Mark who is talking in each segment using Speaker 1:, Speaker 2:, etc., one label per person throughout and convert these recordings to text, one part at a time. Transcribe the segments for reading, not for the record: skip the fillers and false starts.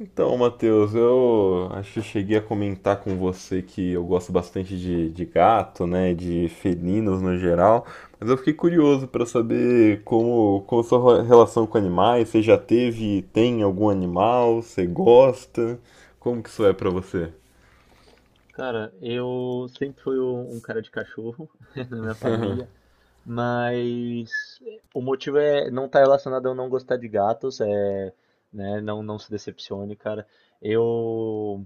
Speaker 1: Então, Matheus, eu acho que eu cheguei a comentar com você que eu gosto bastante de gato, né, de felinos no geral, mas eu fiquei curioso para saber como a sua relação com animais, você já teve, tem algum animal, você gosta, como que isso é para você?
Speaker 2: Cara, eu sempre fui um cara de cachorro na minha família, mas o motivo é não tá relacionado a eu não gostar de gatos, né, não, não se decepcione, cara. Eu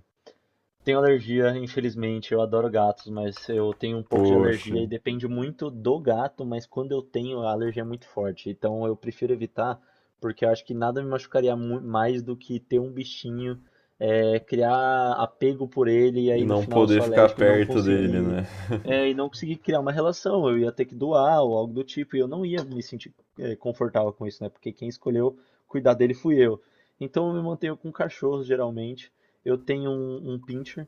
Speaker 2: tenho alergia, infelizmente. Eu adoro gatos, mas eu tenho um pouco de
Speaker 1: Poxa,
Speaker 2: alergia e depende muito do gato, mas quando eu tenho, a alergia é muito forte. Então eu prefiro evitar, porque eu acho que nada me machucaria mais do que ter um bichinho, criar apego por ele e
Speaker 1: e
Speaker 2: aí no
Speaker 1: não
Speaker 2: final eu
Speaker 1: poder
Speaker 2: sou
Speaker 1: ficar
Speaker 2: alérgico e não
Speaker 1: perto dele,
Speaker 2: conseguir,
Speaker 1: né?
Speaker 2: e não conseguir criar uma relação. Eu ia ter que doar ou algo do tipo e eu não ia me sentir, confortável com isso, né? Porque quem escolheu cuidar dele fui eu. Então eu me mantenho com cachorros geralmente. Eu tenho um pincher,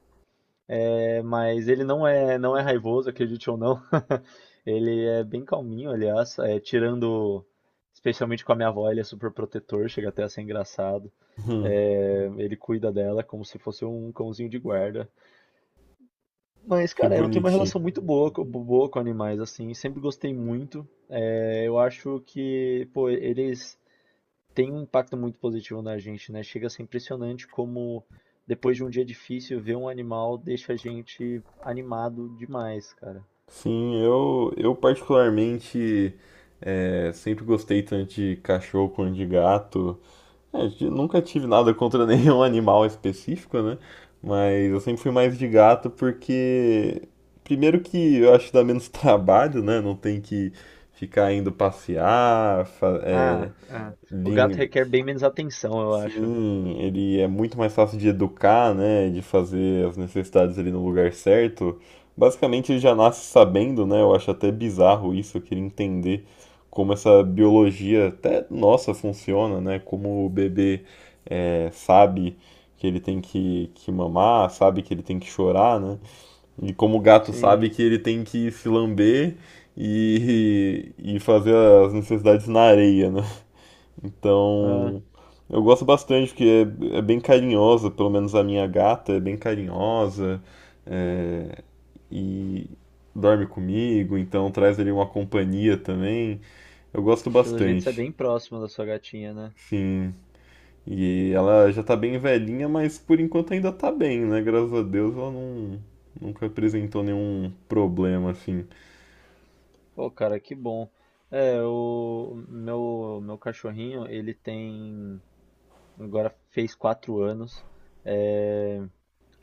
Speaker 2: mas ele não é, não é raivoso, acredite ou não. Ele é bem calminho, aliás, tirando, especialmente com a minha avó, ele é super protetor, chega até a ser engraçado.
Speaker 1: Hum,
Speaker 2: É, ele cuida dela como se fosse um cãozinho de guarda. Mas,
Speaker 1: que
Speaker 2: cara, eu tenho uma
Speaker 1: bonitinho.
Speaker 2: relação muito boa, boa com animais, assim, sempre gostei muito. É, eu acho que, pô, eles tem um impacto muito positivo na gente, né? Chega a ser impressionante como depois de um dia difícil, ver um animal deixa a gente animado demais, cara.
Speaker 1: Sim, eu particularmente sempre gostei tanto de cachorro quanto de gato. É, eu nunca tive nada contra nenhum animal específico, né? Mas eu sempre fui mais de gato porque, primeiro que eu acho que dá menos trabalho, né? Não tem que ficar indo passear,
Speaker 2: Ah, ah, o gato requer bem menos atenção, eu acho.
Speaker 1: sim, ele é muito mais fácil de educar, né, de fazer as necessidades ali no lugar certo. Basicamente ele já nasce sabendo, né? Eu acho até bizarro isso, eu queria entender como essa biologia até nossa funciona, né? Como o bebê sabe que ele tem que mamar, sabe que ele tem que chorar, né? E como o gato sabe
Speaker 2: Sim.
Speaker 1: que ele tem que se lamber e, e fazer as necessidades na areia, né?
Speaker 2: Ah,
Speaker 1: Então, eu gosto bastante porque é bem carinhosa, pelo menos a minha gata é bem carinhosa, é, e dorme comigo, então traz ali uma companhia também. Eu gosto
Speaker 2: pelo jeito você é
Speaker 1: bastante,
Speaker 2: bem próximo da sua gatinha, né?
Speaker 1: sim. E ela já tá bem velhinha, mas por enquanto ainda tá bem, né? Graças a Deus ela não, nunca apresentou nenhum problema assim.
Speaker 2: Pô, cara, que bom. É, o meu cachorrinho, ele tem. Agora fez quatro anos. É,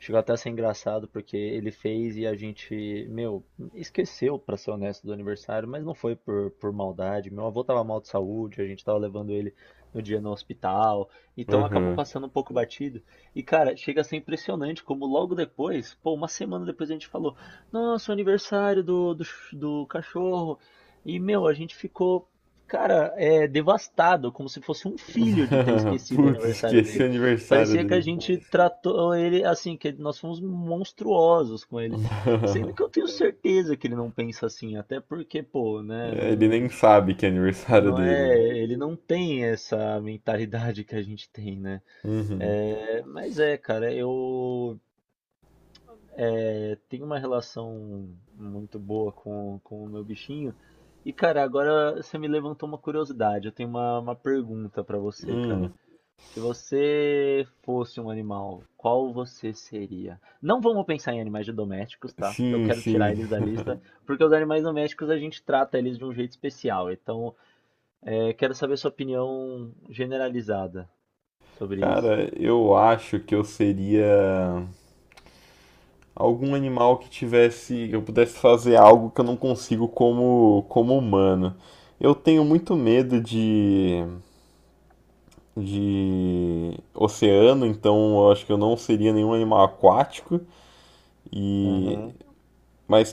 Speaker 2: chegou até a ser engraçado porque ele fez e a gente, meu, esqueceu, pra ser honesto, do aniversário, mas não foi por maldade. Meu avô tava mal de saúde, a gente tava levando ele no dia no hospital, então acabou
Speaker 1: Aham.
Speaker 2: passando um pouco batido. E cara, chega a ser impressionante como logo depois, pô, uma semana depois a gente falou: Nossa, o aniversário do, do cachorro. E meu, a gente ficou, cara, devastado, como se fosse um filho de ter esquecido o
Speaker 1: Putz,
Speaker 2: aniversário
Speaker 1: esqueci o
Speaker 2: dele.
Speaker 1: aniversário
Speaker 2: Parecia que a
Speaker 1: dele.
Speaker 2: gente tratou ele assim, que nós fomos monstruosos com ele. Sendo que eu tenho certeza que ele não pensa assim, até porque, pô, né,
Speaker 1: É, ele nem
Speaker 2: não,
Speaker 1: sabe que é aniversário
Speaker 2: não
Speaker 1: dele,
Speaker 2: é,
Speaker 1: né?
Speaker 2: ele não tem essa mentalidade que a gente tem, né?
Speaker 1: Uhum.
Speaker 2: É, mas é, cara, tenho uma relação muito boa com o meu bichinho. E, cara, agora você me levantou uma curiosidade. Eu tenho uma pergunta pra você, cara.
Speaker 1: Hum,
Speaker 2: Se você fosse um animal, qual você seria? Não vamos pensar em animais domésticos, tá? Eu
Speaker 1: sim,
Speaker 2: quero tirar
Speaker 1: sim.
Speaker 2: eles da lista, porque os animais domésticos a gente trata eles de um jeito especial. Então, quero saber sua opinião generalizada sobre isso.
Speaker 1: Cara, eu acho que eu seria algum animal que tivesse, eu pudesse fazer algo que eu não consigo como humano. Eu tenho muito medo de oceano, então eu acho que eu não seria nenhum animal aquático e mas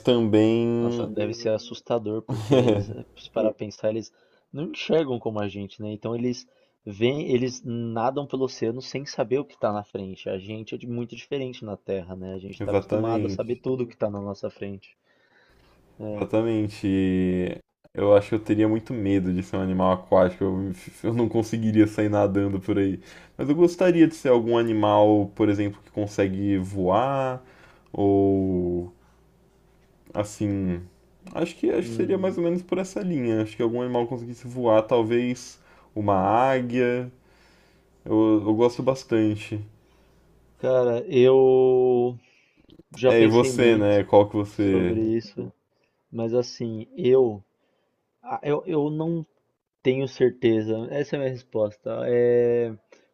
Speaker 2: Nossa,
Speaker 1: também
Speaker 2: deve ser assustador, porque eles, se parar pra pensar, eles não enxergam como a gente, né? Então eles veem, eles nadam pelo oceano sem saber o que tá na frente. A gente é muito diferente na Terra, né? A gente tá acostumado a saber
Speaker 1: exatamente.
Speaker 2: tudo o que tá na nossa frente.
Speaker 1: Exatamente. E eu acho que eu teria muito medo de ser um animal aquático. Eu, eu não conseguiria sair nadando por aí. Mas eu gostaria de ser algum animal, por exemplo, que consegue voar ou assim. Acho que seria
Speaker 2: Hum,
Speaker 1: mais ou menos por essa linha. Acho que algum animal conseguisse voar, talvez uma águia. Eu gosto bastante.
Speaker 2: cara, eu já
Speaker 1: É, e
Speaker 2: pensei
Speaker 1: você,
Speaker 2: muito
Speaker 1: né? Qual que você?
Speaker 2: sobre isso, mas assim, eu não tenho certeza. Essa é a minha resposta. É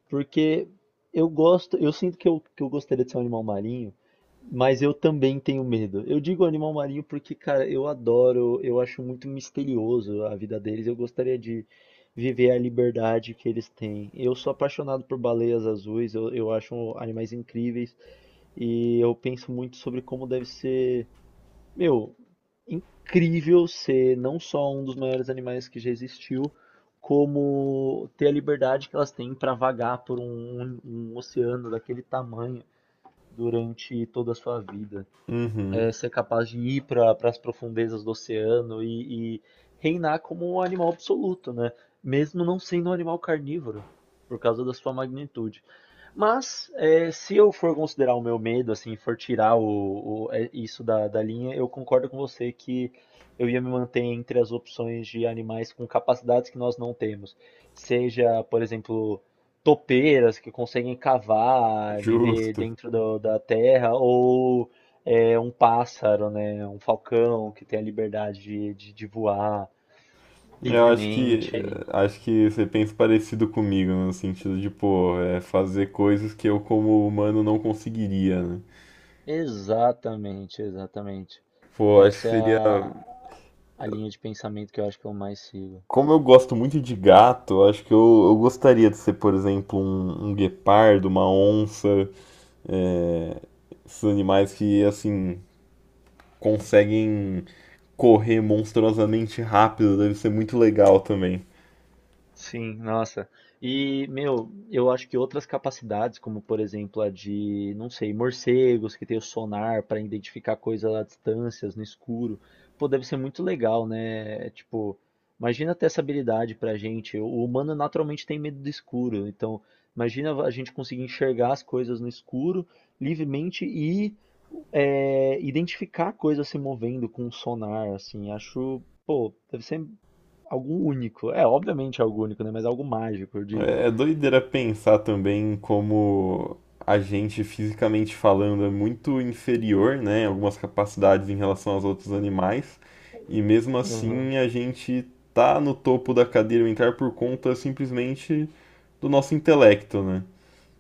Speaker 2: porque eu gosto, eu sinto que que eu gostaria de ser um animal marinho, mas eu também tenho medo. Eu digo animal marinho porque, cara, eu adoro, eu acho muito misterioso a vida deles. Eu gostaria de viver a liberdade que eles têm. Eu sou apaixonado por baleias azuis, eu acho animais incríveis e eu penso muito sobre como deve ser meu, incrível ser não só um dos maiores animais que já existiu, como ter a liberdade que elas têm para vagar por um, um oceano daquele tamanho durante toda a sua vida.
Speaker 1: Uhum,
Speaker 2: É, ser capaz de ir para as profundezas do oceano e reinar como um animal absoluto, né? Mesmo não sendo um animal carnívoro, por causa da sua magnitude. Mas é, se eu for considerar o meu medo, assim, for tirar isso da, da linha, eu concordo com você que eu ia me manter entre as opções de animais com capacidades que nós não temos. Seja, por exemplo, topeiras que conseguem cavar, viver
Speaker 1: justo.
Speaker 2: da terra, ou um pássaro, né, um falcão que tem a liberdade de voar
Speaker 1: Eu
Speaker 2: livremente.
Speaker 1: acho que você pensa parecido comigo, no sentido de, pô, é fazer coisas que eu como humano não conseguiria, né?
Speaker 2: Exatamente, exatamente.
Speaker 1: Pô, acho que
Speaker 2: Essa é
Speaker 1: seria.
Speaker 2: a linha de pensamento que eu acho que eu mais sigo.
Speaker 1: Como eu gosto muito de gato, acho que eu gostaria de ser, por exemplo, um guepardo, uma onça, é, esses animais que, assim, conseguem correr monstruosamente rápido, deve ser muito legal também.
Speaker 2: Sim, nossa. E, meu, eu acho que outras capacidades, como por exemplo a de, não sei, morcegos que tem o sonar para identificar coisas a distâncias no escuro, pô, deve ser muito legal, né? É, tipo, imagina ter essa habilidade pra gente. O humano naturalmente tem medo do escuro, então imagina a gente conseguir enxergar as coisas no escuro livremente e identificar coisas se movendo com o sonar, assim, acho, pô, deve ser algo único. É, obviamente é algo único, né? Mas é algo mágico, eu digo.
Speaker 1: É é doideira pensar também como a gente, fisicamente falando, é muito inferior, né, em algumas capacidades em relação aos outros animais, e mesmo
Speaker 2: Aham,
Speaker 1: assim a gente tá no topo da cadeia alimentar por conta simplesmente do nosso intelecto, né?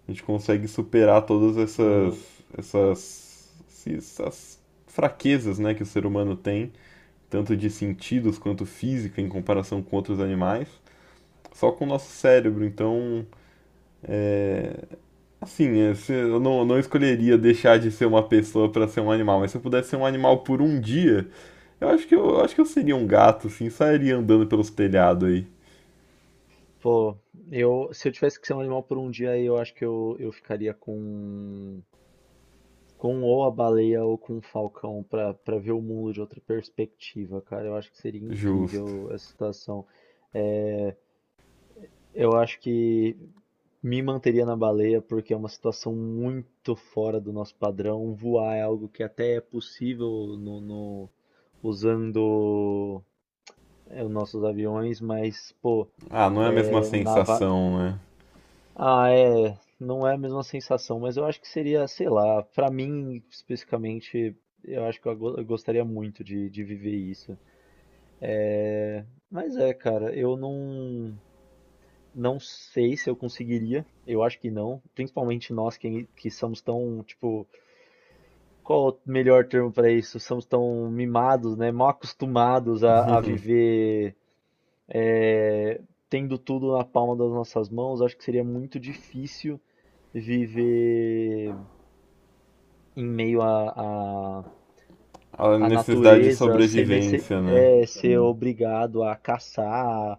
Speaker 1: A gente consegue superar todas essas,
Speaker 2: aham.
Speaker 1: essas, esses- essas fraquezas, né, que o ser humano tem, tanto de sentidos quanto física em comparação com outros animais, só com o nosso cérebro, então. É, assim, é, eu não escolheria deixar de ser uma pessoa pra ser um animal, mas se eu pudesse ser um animal por um dia, eu acho que eu acho que eu seria um gato, assim, sairia andando pelos telhados aí.
Speaker 2: Pô, eu, se eu tivesse que ser um animal por um dia, eu acho que eu ficaria com ou a baleia ou com o falcão pra para ver o mundo de outra perspectiva, cara. Eu acho que seria
Speaker 1: Justo.
Speaker 2: incrível essa situação. É, eu acho que me manteria na baleia porque é uma situação muito fora do nosso padrão. Voar é algo que até é possível no, no- usando os nossos aviões, mas, pô,
Speaker 1: Ah, não é a mesma
Speaker 2: é, na va-
Speaker 1: sensação, né?
Speaker 2: ah, é, não é a mesma sensação, mas eu acho que seria, sei lá, pra mim especificamente, eu acho que eu gostaria muito de viver isso. Mas é, cara, eu não, não sei se eu conseguiria, eu acho que não, principalmente nós que somos tão, tipo, qual o melhor termo pra isso? Somos tão mimados, né, mal acostumados a viver é, tendo tudo na palma das nossas mãos, acho que seria muito difícil viver em meio
Speaker 1: A necessidade de
Speaker 2: natureza, ser, nesse,
Speaker 1: sobrevivência, né?
Speaker 2: ser obrigado a caçar,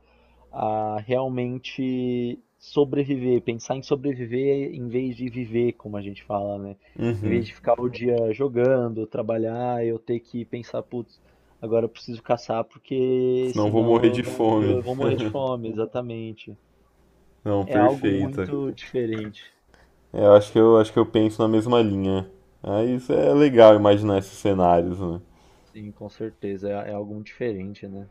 Speaker 2: a realmente sobreviver, pensar em sobreviver em vez de viver, como a gente fala, né? Em vez
Speaker 1: Uhum.
Speaker 2: de ficar o dia jogando, trabalhar, eu ter que pensar, putz, agora eu preciso caçar porque
Speaker 1: Senão eu vou
Speaker 2: senão
Speaker 1: morrer
Speaker 2: eu
Speaker 1: de
Speaker 2: não
Speaker 1: fome.
Speaker 2: eu vou morrer de fome, exatamente.
Speaker 1: Não,
Speaker 2: É algo
Speaker 1: perfeita.
Speaker 2: muito diferente.
Speaker 1: É, eu acho que eu acho que eu penso na mesma linha. Mas é legal imaginar esses cenários, né?
Speaker 2: Sim, com certeza. É, é algo muito diferente, né?